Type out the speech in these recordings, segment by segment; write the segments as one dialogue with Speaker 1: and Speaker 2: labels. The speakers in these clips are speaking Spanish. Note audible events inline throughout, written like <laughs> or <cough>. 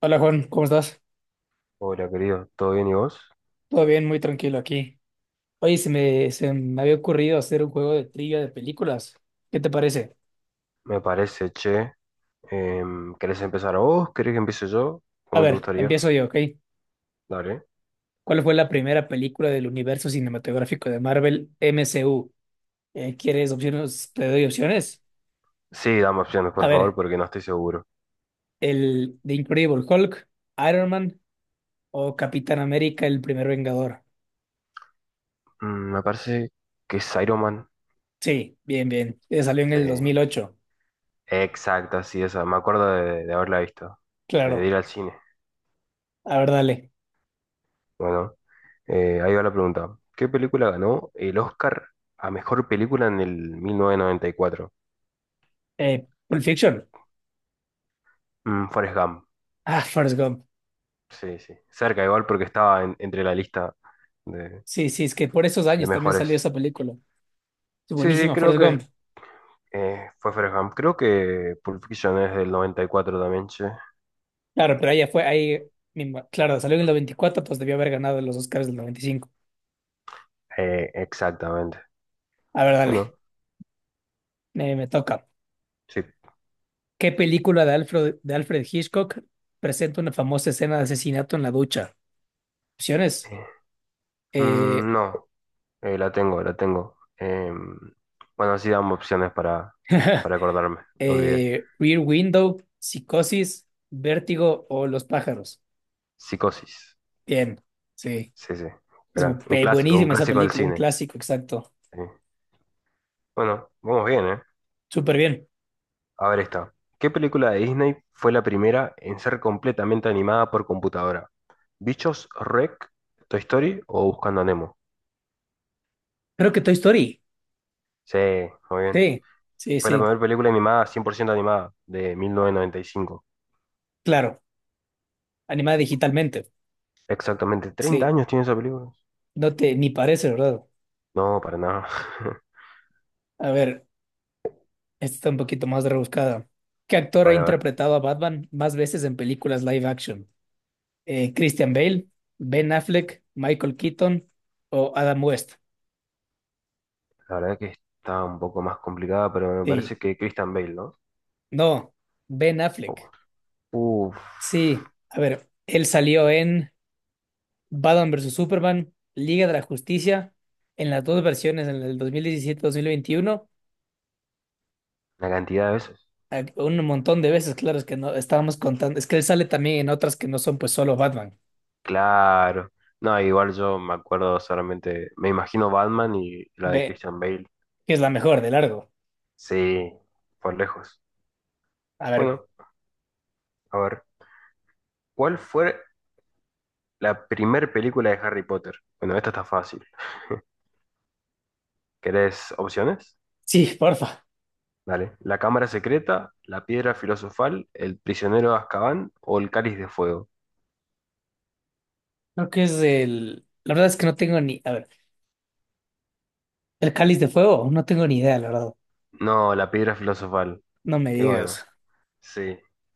Speaker 1: Hola Juan, ¿cómo estás?
Speaker 2: Hola, querido, ¿todo bien y vos?
Speaker 1: Todo bien, muy tranquilo aquí. Oye, se me había ocurrido hacer un juego de trivia de películas. ¿Qué te parece?
Speaker 2: Me parece, che. ¿Querés empezar vos? ¿Querés que empiece yo?
Speaker 1: A
Speaker 2: ¿Cómo te
Speaker 1: ver,
Speaker 2: gustaría?
Speaker 1: empiezo yo, ¿ok?
Speaker 2: Dale.
Speaker 1: ¿Cuál fue la primera película del universo cinematográfico de Marvel MCU? ¿Quieres opciones? Te doy opciones.
Speaker 2: Sí, dame opciones,
Speaker 1: A
Speaker 2: por favor,
Speaker 1: ver,
Speaker 2: porque no estoy seguro.
Speaker 1: el The Incredible Hulk, Iron Man o Capitán América, el primer Vengador.
Speaker 2: Me parece que es Iron Man.
Speaker 1: Sí, bien, bien. Salió en
Speaker 2: Sí,
Speaker 1: el 2008.
Speaker 2: exacta, sí, esa. Me acuerdo de haberla visto, de
Speaker 1: Claro.
Speaker 2: ir al cine.
Speaker 1: A ver, dale.
Speaker 2: Bueno, ahí va la pregunta. ¿Qué película ganó el Oscar a mejor película en el 1994?
Speaker 1: Pulp Fiction.
Speaker 2: Forrest Gump.
Speaker 1: Ah, Forrest Gump.
Speaker 2: Sí, sí. Cerca igual porque estaba entre la lista de
Speaker 1: Sí, sí, es que por esos años también
Speaker 2: mejores.
Speaker 1: salió esa película. Es
Speaker 2: Sí, sí,
Speaker 1: buenísima,
Speaker 2: creo
Speaker 1: Forrest
Speaker 2: que
Speaker 1: Gump.
Speaker 2: fue Fareham. Creo que Pulp Fiction es del 94 también, sí.
Speaker 1: Claro, pero ella fue ahí mismo. Claro, salió en el 94, pues debió haber ganado los Oscars del 95.
Speaker 2: Exactamente.
Speaker 1: A ver, dale,
Speaker 2: Bueno,
Speaker 1: me toca.
Speaker 2: sí.
Speaker 1: ¿Qué película de Alfred Hitchcock presenta una famosa escena de asesinato en la ducha? Opciones:
Speaker 2: Eh,
Speaker 1: eh,
Speaker 2: no, la tengo, la tengo. Bueno, así damos opciones para,
Speaker 1: <laughs>
Speaker 2: para acordarme, me olvidé.
Speaker 1: Rear Window, Psicosis, Vértigo o Los pájaros.
Speaker 2: Psicosis.
Speaker 1: Bien, sí.
Speaker 2: Sí, sí.
Speaker 1: Es bu-
Speaker 2: Gran.
Speaker 1: pe-
Speaker 2: Un
Speaker 1: buenísima esa
Speaker 2: clásico del
Speaker 1: película, un
Speaker 2: cine.
Speaker 1: clásico, exacto.
Speaker 2: Sí. Bueno, vamos bien, ¿eh?
Speaker 1: Súper bien.
Speaker 2: A ver esta. ¿Qué película de Disney fue la primera en ser completamente animada por computadora? ¿Bichos, Rec, Toy Story o Buscando a Nemo?
Speaker 1: Creo que Toy Story.
Speaker 2: Sí, muy bien.
Speaker 1: Sí, sí,
Speaker 2: Fue la
Speaker 1: sí,
Speaker 2: primera película animada, 100% animada, de 1995.
Speaker 1: claro, animada digitalmente.
Speaker 2: Exactamente, ¿Treinta
Speaker 1: Sí,
Speaker 2: años tiene esa película.
Speaker 1: no te ni parece, ¿verdad?
Speaker 2: No, para nada. <laughs>
Speaker 1: A ver, esta está un poquito más rebuscada. ¿Qué actor
Speaker 2: A
Speaker 1: ha
Speaker 2: ver, a ver.
Speaker 1: interpretado a Batman más veces en películas live action? ¿Christian Bale, Ben Affleck, Michael Keaton o Adam West?
Speaker 2: La verdad que está un poco más complicada, pero me parece
Speaker 1: Sí,
Speaker 2: que Christian Bale, ¿no?
Speaker 1: no, Ben Affleck.
Speaker 2: Oh. Uf,
Speaker 1: Sí, a ver, él salió en Batman vs. Superman, Liga de la Justicia, en las dos versiones, en el dos mil diecisiete mil veintiuno.
Speaker 2: la cantidad de veces.
Speaker 1: A- un montón de veces, claro, es que no estábamos contando. Es que él sale también en otras que no son pues solo Batman.
Speaker 2: Claro. No, igual yo me acuerdo solamente, me imagino Batman y la de
Speaker 1: Ve,
Speaker 2: Christian Bale.
Speaker 1: que es la mejor de largo.
Speaker 2: Sí, por lejos.
Speaker 1: A ver,
Speaker 2: Bueno, a ver. ¿Cuál fue la primer película de Harry Potter? Bueno, esta está fácil. ¿Querés opciones?
Speaker 1: sí, porfa.
Speaker 2: Dale. ¿La cámara secreta, la piedra filosofal, el prisionero de Azkaban o el cáliz de fuego?
Speaker 1: Creo que es el. La verdad es que no tengo ni. A ver, el Cáliz de Fuego, no tengo ni idea, la verdad.
Speaker 2: No, la piedra filosofal.
Speaker 1: No me
Speaker 2: Y bueno,
Speaker 1: digas.
Speaker 2: sí.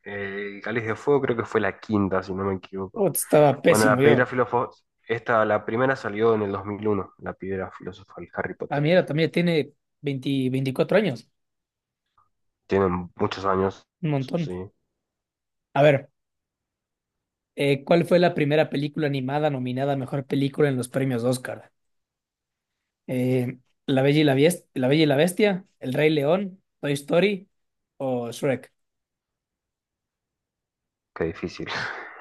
Speaker 2: El cáliz de fuego creo que fue la quinta, si no me equivoco.
Speaker 1: Putz, estaba
Speaker 2: Bueno,
Speaker 1: pésimo
Speaker 2: la piedra
Speaker 1: yo.
Speaker 2: filosofal, esta, la primera salió en el 2001, la piedra filosofal, Harry
Speaker 1: Ah,
Speaker 2: Potter.
Speaker 1: mira, también tiene 20 24 años.
Speaker 2: Tienen muchos años,
Speaker 1: Un montón.
Speaker 2: sí,
Speaker 1: A ver, ¿cuál fue la primera película animada nominada a mejor película en los premios Oscar? Eh, La Bella y la Bies- La Bella y la Bestia, El Rey León, Toy Story o Shrek.
Speaker 2: qué difícil. <laughs>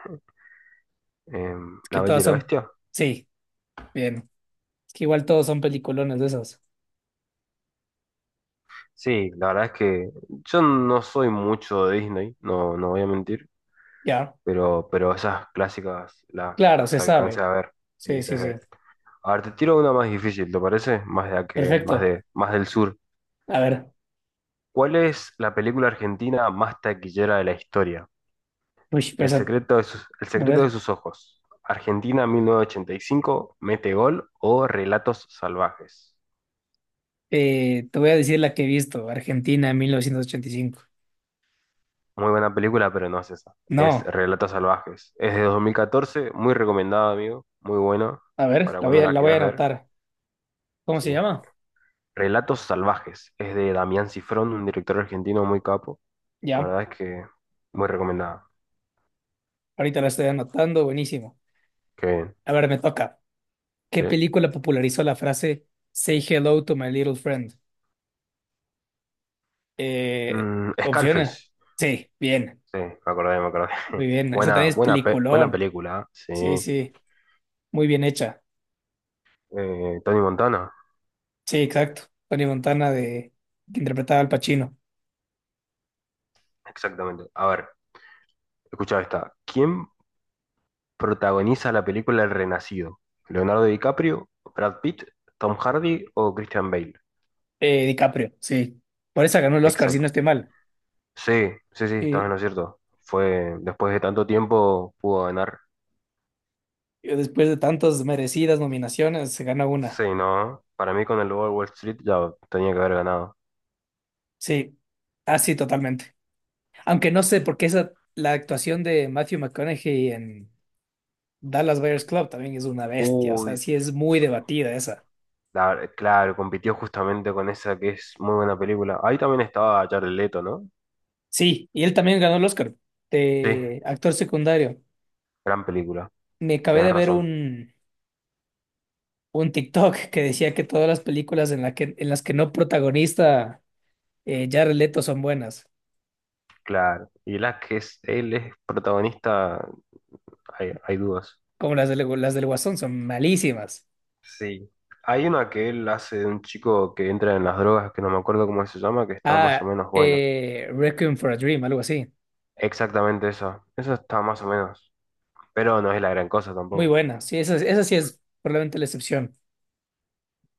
Speaker 1: Es que
Speaker 2: ¿La Bella
Speaker 1: todas
Speaker 2: y la
Speaker 1: son.
Speaker 2: Bestia?
Speaker 1: Sí, bien. Es que igual todos son peliculones de esos.
Speaker 2: Sí, la verdad es que yo no soy mucho de Disney, no, no voy a mentir.
Speaker 1: Ya,
Speaker 2: Pero esas clásicas
Speaker 1: claro, se
Speaker 2: las alcancé
Speaker 1: sabe.
Speaker 2: a ver y
Speaker 1: Sí,
Speaker 2: se
Speaker 1: sí,
Speaker 2: ve.
Speaker 1: sí.
Speaker 2: A ver, te tiro una más difícil, ¿te parece? Más de la que, más
Speaker 1: Perfecto.
Speaker 2: de, más del sur.
Speaker 1: A ver.
Speaker 2: ¿Cuál es la película argentina más taquillera de la historia?
Speaker 1: Uy, pero esa-
Speaker 2: El
Speaker 1: a
Speaker 2: secreto de
Speaker 1: ver.
Speaker 2: sus ojos. Argentina 1985, Mete Gol o Relatos Salvajes.
Speaker 1: Te voy a decir la que he visto. Argentina, 1985.
Speaker 2: Muy buena película, pero no es esa. Es
Speaker 1: No.
Speaker 2: Relatos Salvajes. Es de 2014, muy recomendada, amigo. Muy buena
Speaker 1: A ver,
Speaker 2: para
Speaker 1: la voy
Speaker 2: cuando
Speaker 1: a,
Speaker 2: la
Speaker 1: la voy a
Speaker 2: quieras ver.
Speaker 1: anotar. ¿Cómo
Speaker 2: Sí.
Speaker 1: se llama?
Speaker 2: Relatos Salvajes. Es de Damián Cifrón, un director argentino muy capo. La
Speaker 1: Ya.
Speaker 2: verdad es que muy recomendada.
Speaker 1: Ahorita la estoy anotando. Buenísimo.
Speaker 2: Qué bien.
Speaker 1: A ver, me toca. ¿Qué
Speaker 2: Sí.
Speaker 1: película popularizó la frase Say hello to my little friend? Eh, opciones.
Speaker 2: Scarface.
Speaker 1: Sí, bien,
Speaker 2: Sí, me acordé, me acordé.
Speaker 1: muy
Speaker 2: <laughs>
Speaker 1: bien. Esa también
Speaker 2: Buena,
Speaker 1: es
Speaker 2: buena, buena
Speaker 1: peliculón.
Speaker 2: película, ¿eh?
Speaker 1: Sí,
Speaker 2: Sí.
Speaker 1: sí, muy bien hecha.
Speaker 2: Tony Montana.
Speaker 1: Sí, exacto. Tony Montana de que interpretaba al Pacino.
Speaker 2: Exactamente. A ver, escucha esta. ¿Quién protagoniza la película El Renacido? ¿Leonardo DiCaprio, Brad Pitt, Tom Hardy o Christian Bale?
Speaker 1: DiCaprio, sí. Por esa ganó el Oscar, si
Speaker 2: Exacto.
Speaker 1: no estoy mal.
Speaker 2: Sí, sí, sí, estás en
Speaker 1: Sí,
Speaker 2: lo cierto. Fue, después de tanto tiempo pudo ganar.
Speaker 1: y después de tantas merecidas nominaciones, se gana
Speaker 2: Sí,
Speaker 1: una.
Speaker 2: no. Para mí con el Lobo de Wall Street ya tenía que haber ganado.
Speaker 1: Sí, así totalmente. Aunque no sé por qué esa, la actuación de Matthew McConaughey en Dallas Buyers Club también es una bestia, o sea,
Speaker 2: Uy,
Speaker 1: sí es muy debatida esa.
Speaker 2: claro, compitió justamente con esa que es muy buena película. Ahí también estaba Jared Leto, ¿no?
Speaker 1: Sí, y él también ganó el Oscar
Speaker 2: Sí,
Speaker 1: de actor secundario.
Speaker 2: gran película.
Speaker 1: Me acabé
Speaker 2: Tenés
Speaker 1: de ver
Speaker 2: razón.
Speaker 1: un TikTok que decía que todas las películas en, la que, en las que no protagonista Jared Leto son buenas,
Speaker 2: Claro. Y él es protagonista, hay dudas.
Speaker 1: como las del Guasón son malísimas.
Speaker 2: Sí. Hay una que él hace de un chico que entra en las drogas, que no me acuerdo cómo se llama, que está más o
Speaker 1: Ah,
Speaker 2: menos buena.
Speaker 1: Requiem for a Dream, algo así.
Speaker 2: Exactamente esa. Esa está más o menos. Pero no es la gran cosa
Speaker 1: Muy
Speaker 2: tampoco.
Speaker 1: buena, sí, esa sí es probablemente la excepción.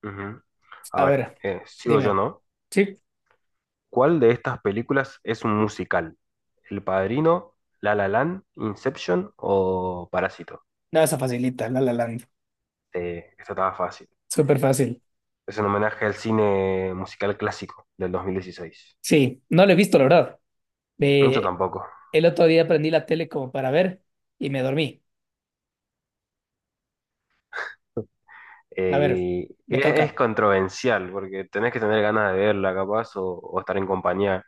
Speaker 2: Ujú. A
Speaker 1: A
Speaker 2: ver,
Speaker 1: ver,
Speaker 2: sigo yo,
Speaker 1: dime.
Speaker 2: ¿no?
Speaker 1: Sí,
Speaker 2: ¿Cuál de estas películas es un musical? ¿El Padrino, La La Land, Inception o Parásito?
Speaker 1: no, esa facilita, La La Land,
Speaker 2: Esta estaba fácil.
Speaker 1: súper fácil.
Speaker 2: Es un homenaje al cine musical clásico del 2016.
Speaker 1: Sí, no lo he visto, la verdad.
Speaker 2: Mucho
Speaker 1: Eh,
Speaker 2: tampoco.
Speaker 1: el otro día prendí la tele como para ver y me dormí. A ver, me
Speaker 2: Y es
Speaker 1: toca.
Speaker 2: controversial porque tenés que tener ganas de verla, capaz, o estar en compañía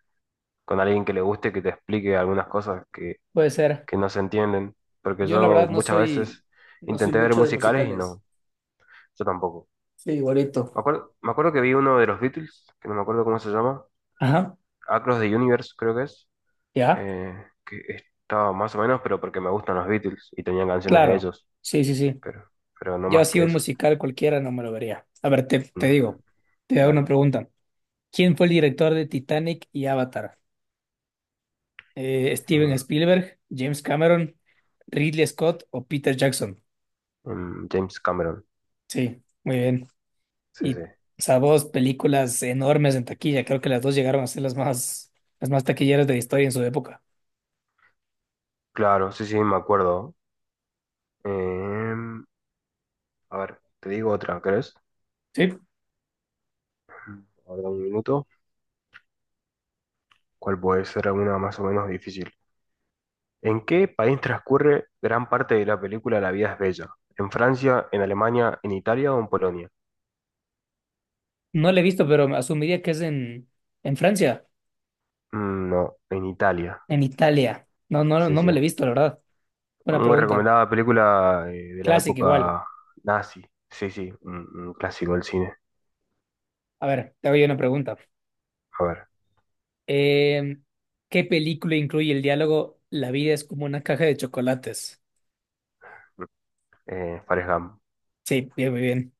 Speaker 2: con alguien que le guste, que te explique algunas cosas que,
Speaker 1: Puede ser.
Speaker 2: que no se entienden. Porque
Speaker 1: Yo la
Speaker 2: yo
Speaker 1: verdad no
Speaker 2: muchas
Speaker 1: soy,
Speaker 2: veces
Speaker 1: no soy
Speaker 2: intenté ver
Speaker 1: mucho de
Speaker 2: musicales y
Speaker 1: musicales.
Speaker 2: no, yo tampoco.
Speaker 1: Sí, igualito.
Speaker 2: Me acuerdo que vi uno de los Beatles, que no me acuerdo cómo se llama,
Speaker 1: Ajá,
Speaker 2: Across the Universe creo que es,
Speaker 1: ya,
Speaker 2: que estaba más o menos, pero porque me gustan los Beatles y tenían canciones de
Speaker 1: claro.
Speaker 2: ellos,
Speaker 1: Sí, sí, sí.
Speaker 2: pero, pero no
Speaker 1: Yo
Speaker 2: más
Speaker 1: así
Speaker 2: que
Speaker 1: un
Speaker 2: eso.
Speaker 1: musical cualquiera no me lo vería. A ver, te
Speaker 2: Mm,
Speaker 1: digo, te hago una
Speaker 2: dale.
Speaker 1: pregunta. ¿Quién fue el director de Titanic y Avatar? ¿Steven
Speaker 2: Eh,
Speaker 1: Spielberg, James Cameron, Ridley Scott o Peter Jackson?
Speaker 2: James Cameron,
Speaker 1: Sí, muy bien.
Speaker 2: sí,
Speaker 1: Y,
Speaker 2: sí.
Speaker 1: o sea, dos películas enormes en taquilla. Creo que las dos llegaron a ser las más taquilleras de la historia en su época.
Speaker 2: Claro, sí, sí, me acuerdo. Em, a ver, te digo otra, ¿crees?
Speaker 1: Sí.
Speaker 2: Ahora un minuto. ¿Cuál puede ser alguna más o menos difícil? ¿En qué país transcurre gran parte de la película La vida es bella? ¿En Francia, en Alemania, en Italia o en Polonia?
Speaker 1: No la he visto, pero asumiría que es en Francia,
Speaker 2: Mm, no, en Italia.
Speaker 1: en Italia. No, no,
Speaker 2: Sí,
Speaker 1: no me
Speaker 2: sí.
Speaker 1: la he visto, la verdad. Buena
Speaker 2: Muy
Speaker 1: pregunta.
Speaker 2: recomendada película, de la
Speaker 1: Clásica igual.
Speaker 2: época nazi. Sí, sí, un clásico del cine.
Speaker 1: A ver, te hago yo una pregunta.
Speaker 2: A ver,
Speaker 1: Eh, ¿Qué película incluye el diálogo La vida es como una caja de chocolates?
Speaker 2: Forrest Gump.
Speaker 1: Sí, bien, muy bien.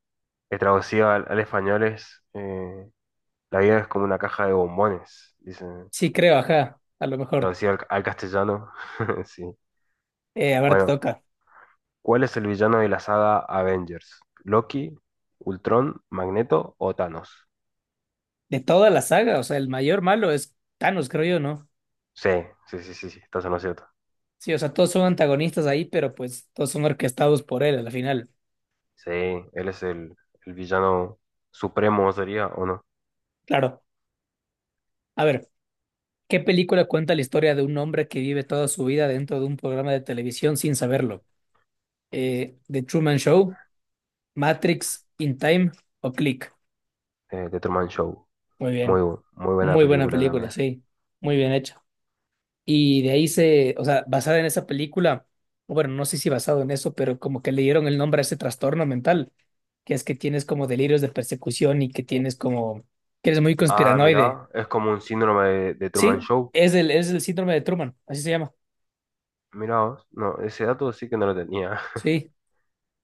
Speaker 2: Que traducido al español es, La vida es como una caja de bombones, dicen.
Speaker 1: Sí, creo, ajá, a lo mejor.
Speaker 2: Traducido al castellano. <laughs> Sí.
Speaker 1: A ver, te
Speaker 2: Bueno,
Speaker 1: toca.
Speaker 2: ¿cuál es el villano de la saga Avengers? ¿Loki, Ultron, Magneto o Thanos?
Speaker 1: De toda la saga, o sea, el mayor malo es Thanos, creo yo, ¿no?
Speaker 2: Sí, sí, sí, sí, sí, estás en lo cierto.
Speaker 1: Sí, o sea, todos son antagonistas ahí, pero pues todos son orquestados por él al final.
Speaker 2: Sí, él es el villano supremo, sería, ¿o no?
Speaker 1: Claro. A ver, ¿qué película cuenta la historia de un hombre que vive toda su vida dentro de un programa de televisión sin saberlo? The Truman Show, Matrix, In Time o Click.
Speaker 2: De Truman Show.
Speaker 1: Muy
Speaker 2: Muy,
Speaker 1: bien.
Speaker 2: muy buena
Speaker 1: Muy buena
Speaker 2: película
Speaker 1: película,
Speaker 2: también.
Speaker 1: sí. Muy bien hecha. Y de ahí o sea, basada en esa película, o bueno, no sé si basado en eso, pero como que le dieron el nombre a ese trastorno mental, que es que tienes como delirios de persecución y que tienes como, que eres muy
Speaker 2: Ah,
Speaker 1: conspiranoide.
Speaker 2: mirá, es como un síndrome de Truman
Speaker 1: Sí,
Speaker 2: Show.
Speaker 1: es el síndrome de Truman, así se llama.
Speaker 2: Mirá vos. No, ese dato sí que no lo tenía. <laughs>
Speaker 1: Sí,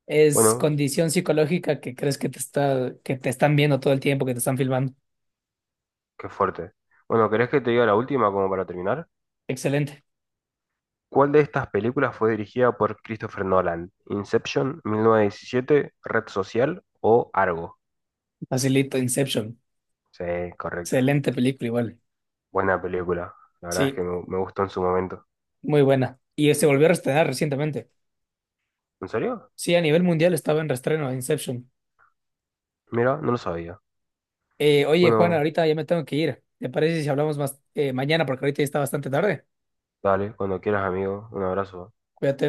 Speaker 1: es
Speaker 2: Bueno,
Speaker 1: condición psicológica que crees que te está, que te están viendo todo el tiempo, que te están filmando.
Speaker 2: qué fuerte. Bueno, ¿querés que te diga la última como para terminar?
Speaker 1: Excelente.
Speaker 2: ¿Cuál de estas películas fue dirigida por Christopher Nolan? ¿Inception, 1917, Red Social o Argo?
Speaker 1: Facilito, Inception.
Speaker 2: Sí, correcto.
Speaker 1: Excelente película igual.
Speaker 2: Buena película. La verdad es
Speaker 1: Sí,
Speaker 2: que me gustó en su momento.
Speaker 1: muy buena. Y se volvió a estrenar recientemente.
Speaker 2: ¿En serio?
Speaker 1: Sí, a nivel mundial estaba en reestreno Inception.
Speaker 2: Mira, no lo sabía.
Speaker 1: Oye, Juana,
Speaker 2: Bueno,
Speaker 1: ahorita ya me tengo que ir. ¿Te parece si hablamos más mañana? Porque ahorita ya está bastante tarde.
Speaker 2: dale, cuando quieras, amigo. Un abrazo.
Speaker 1: Cuídate.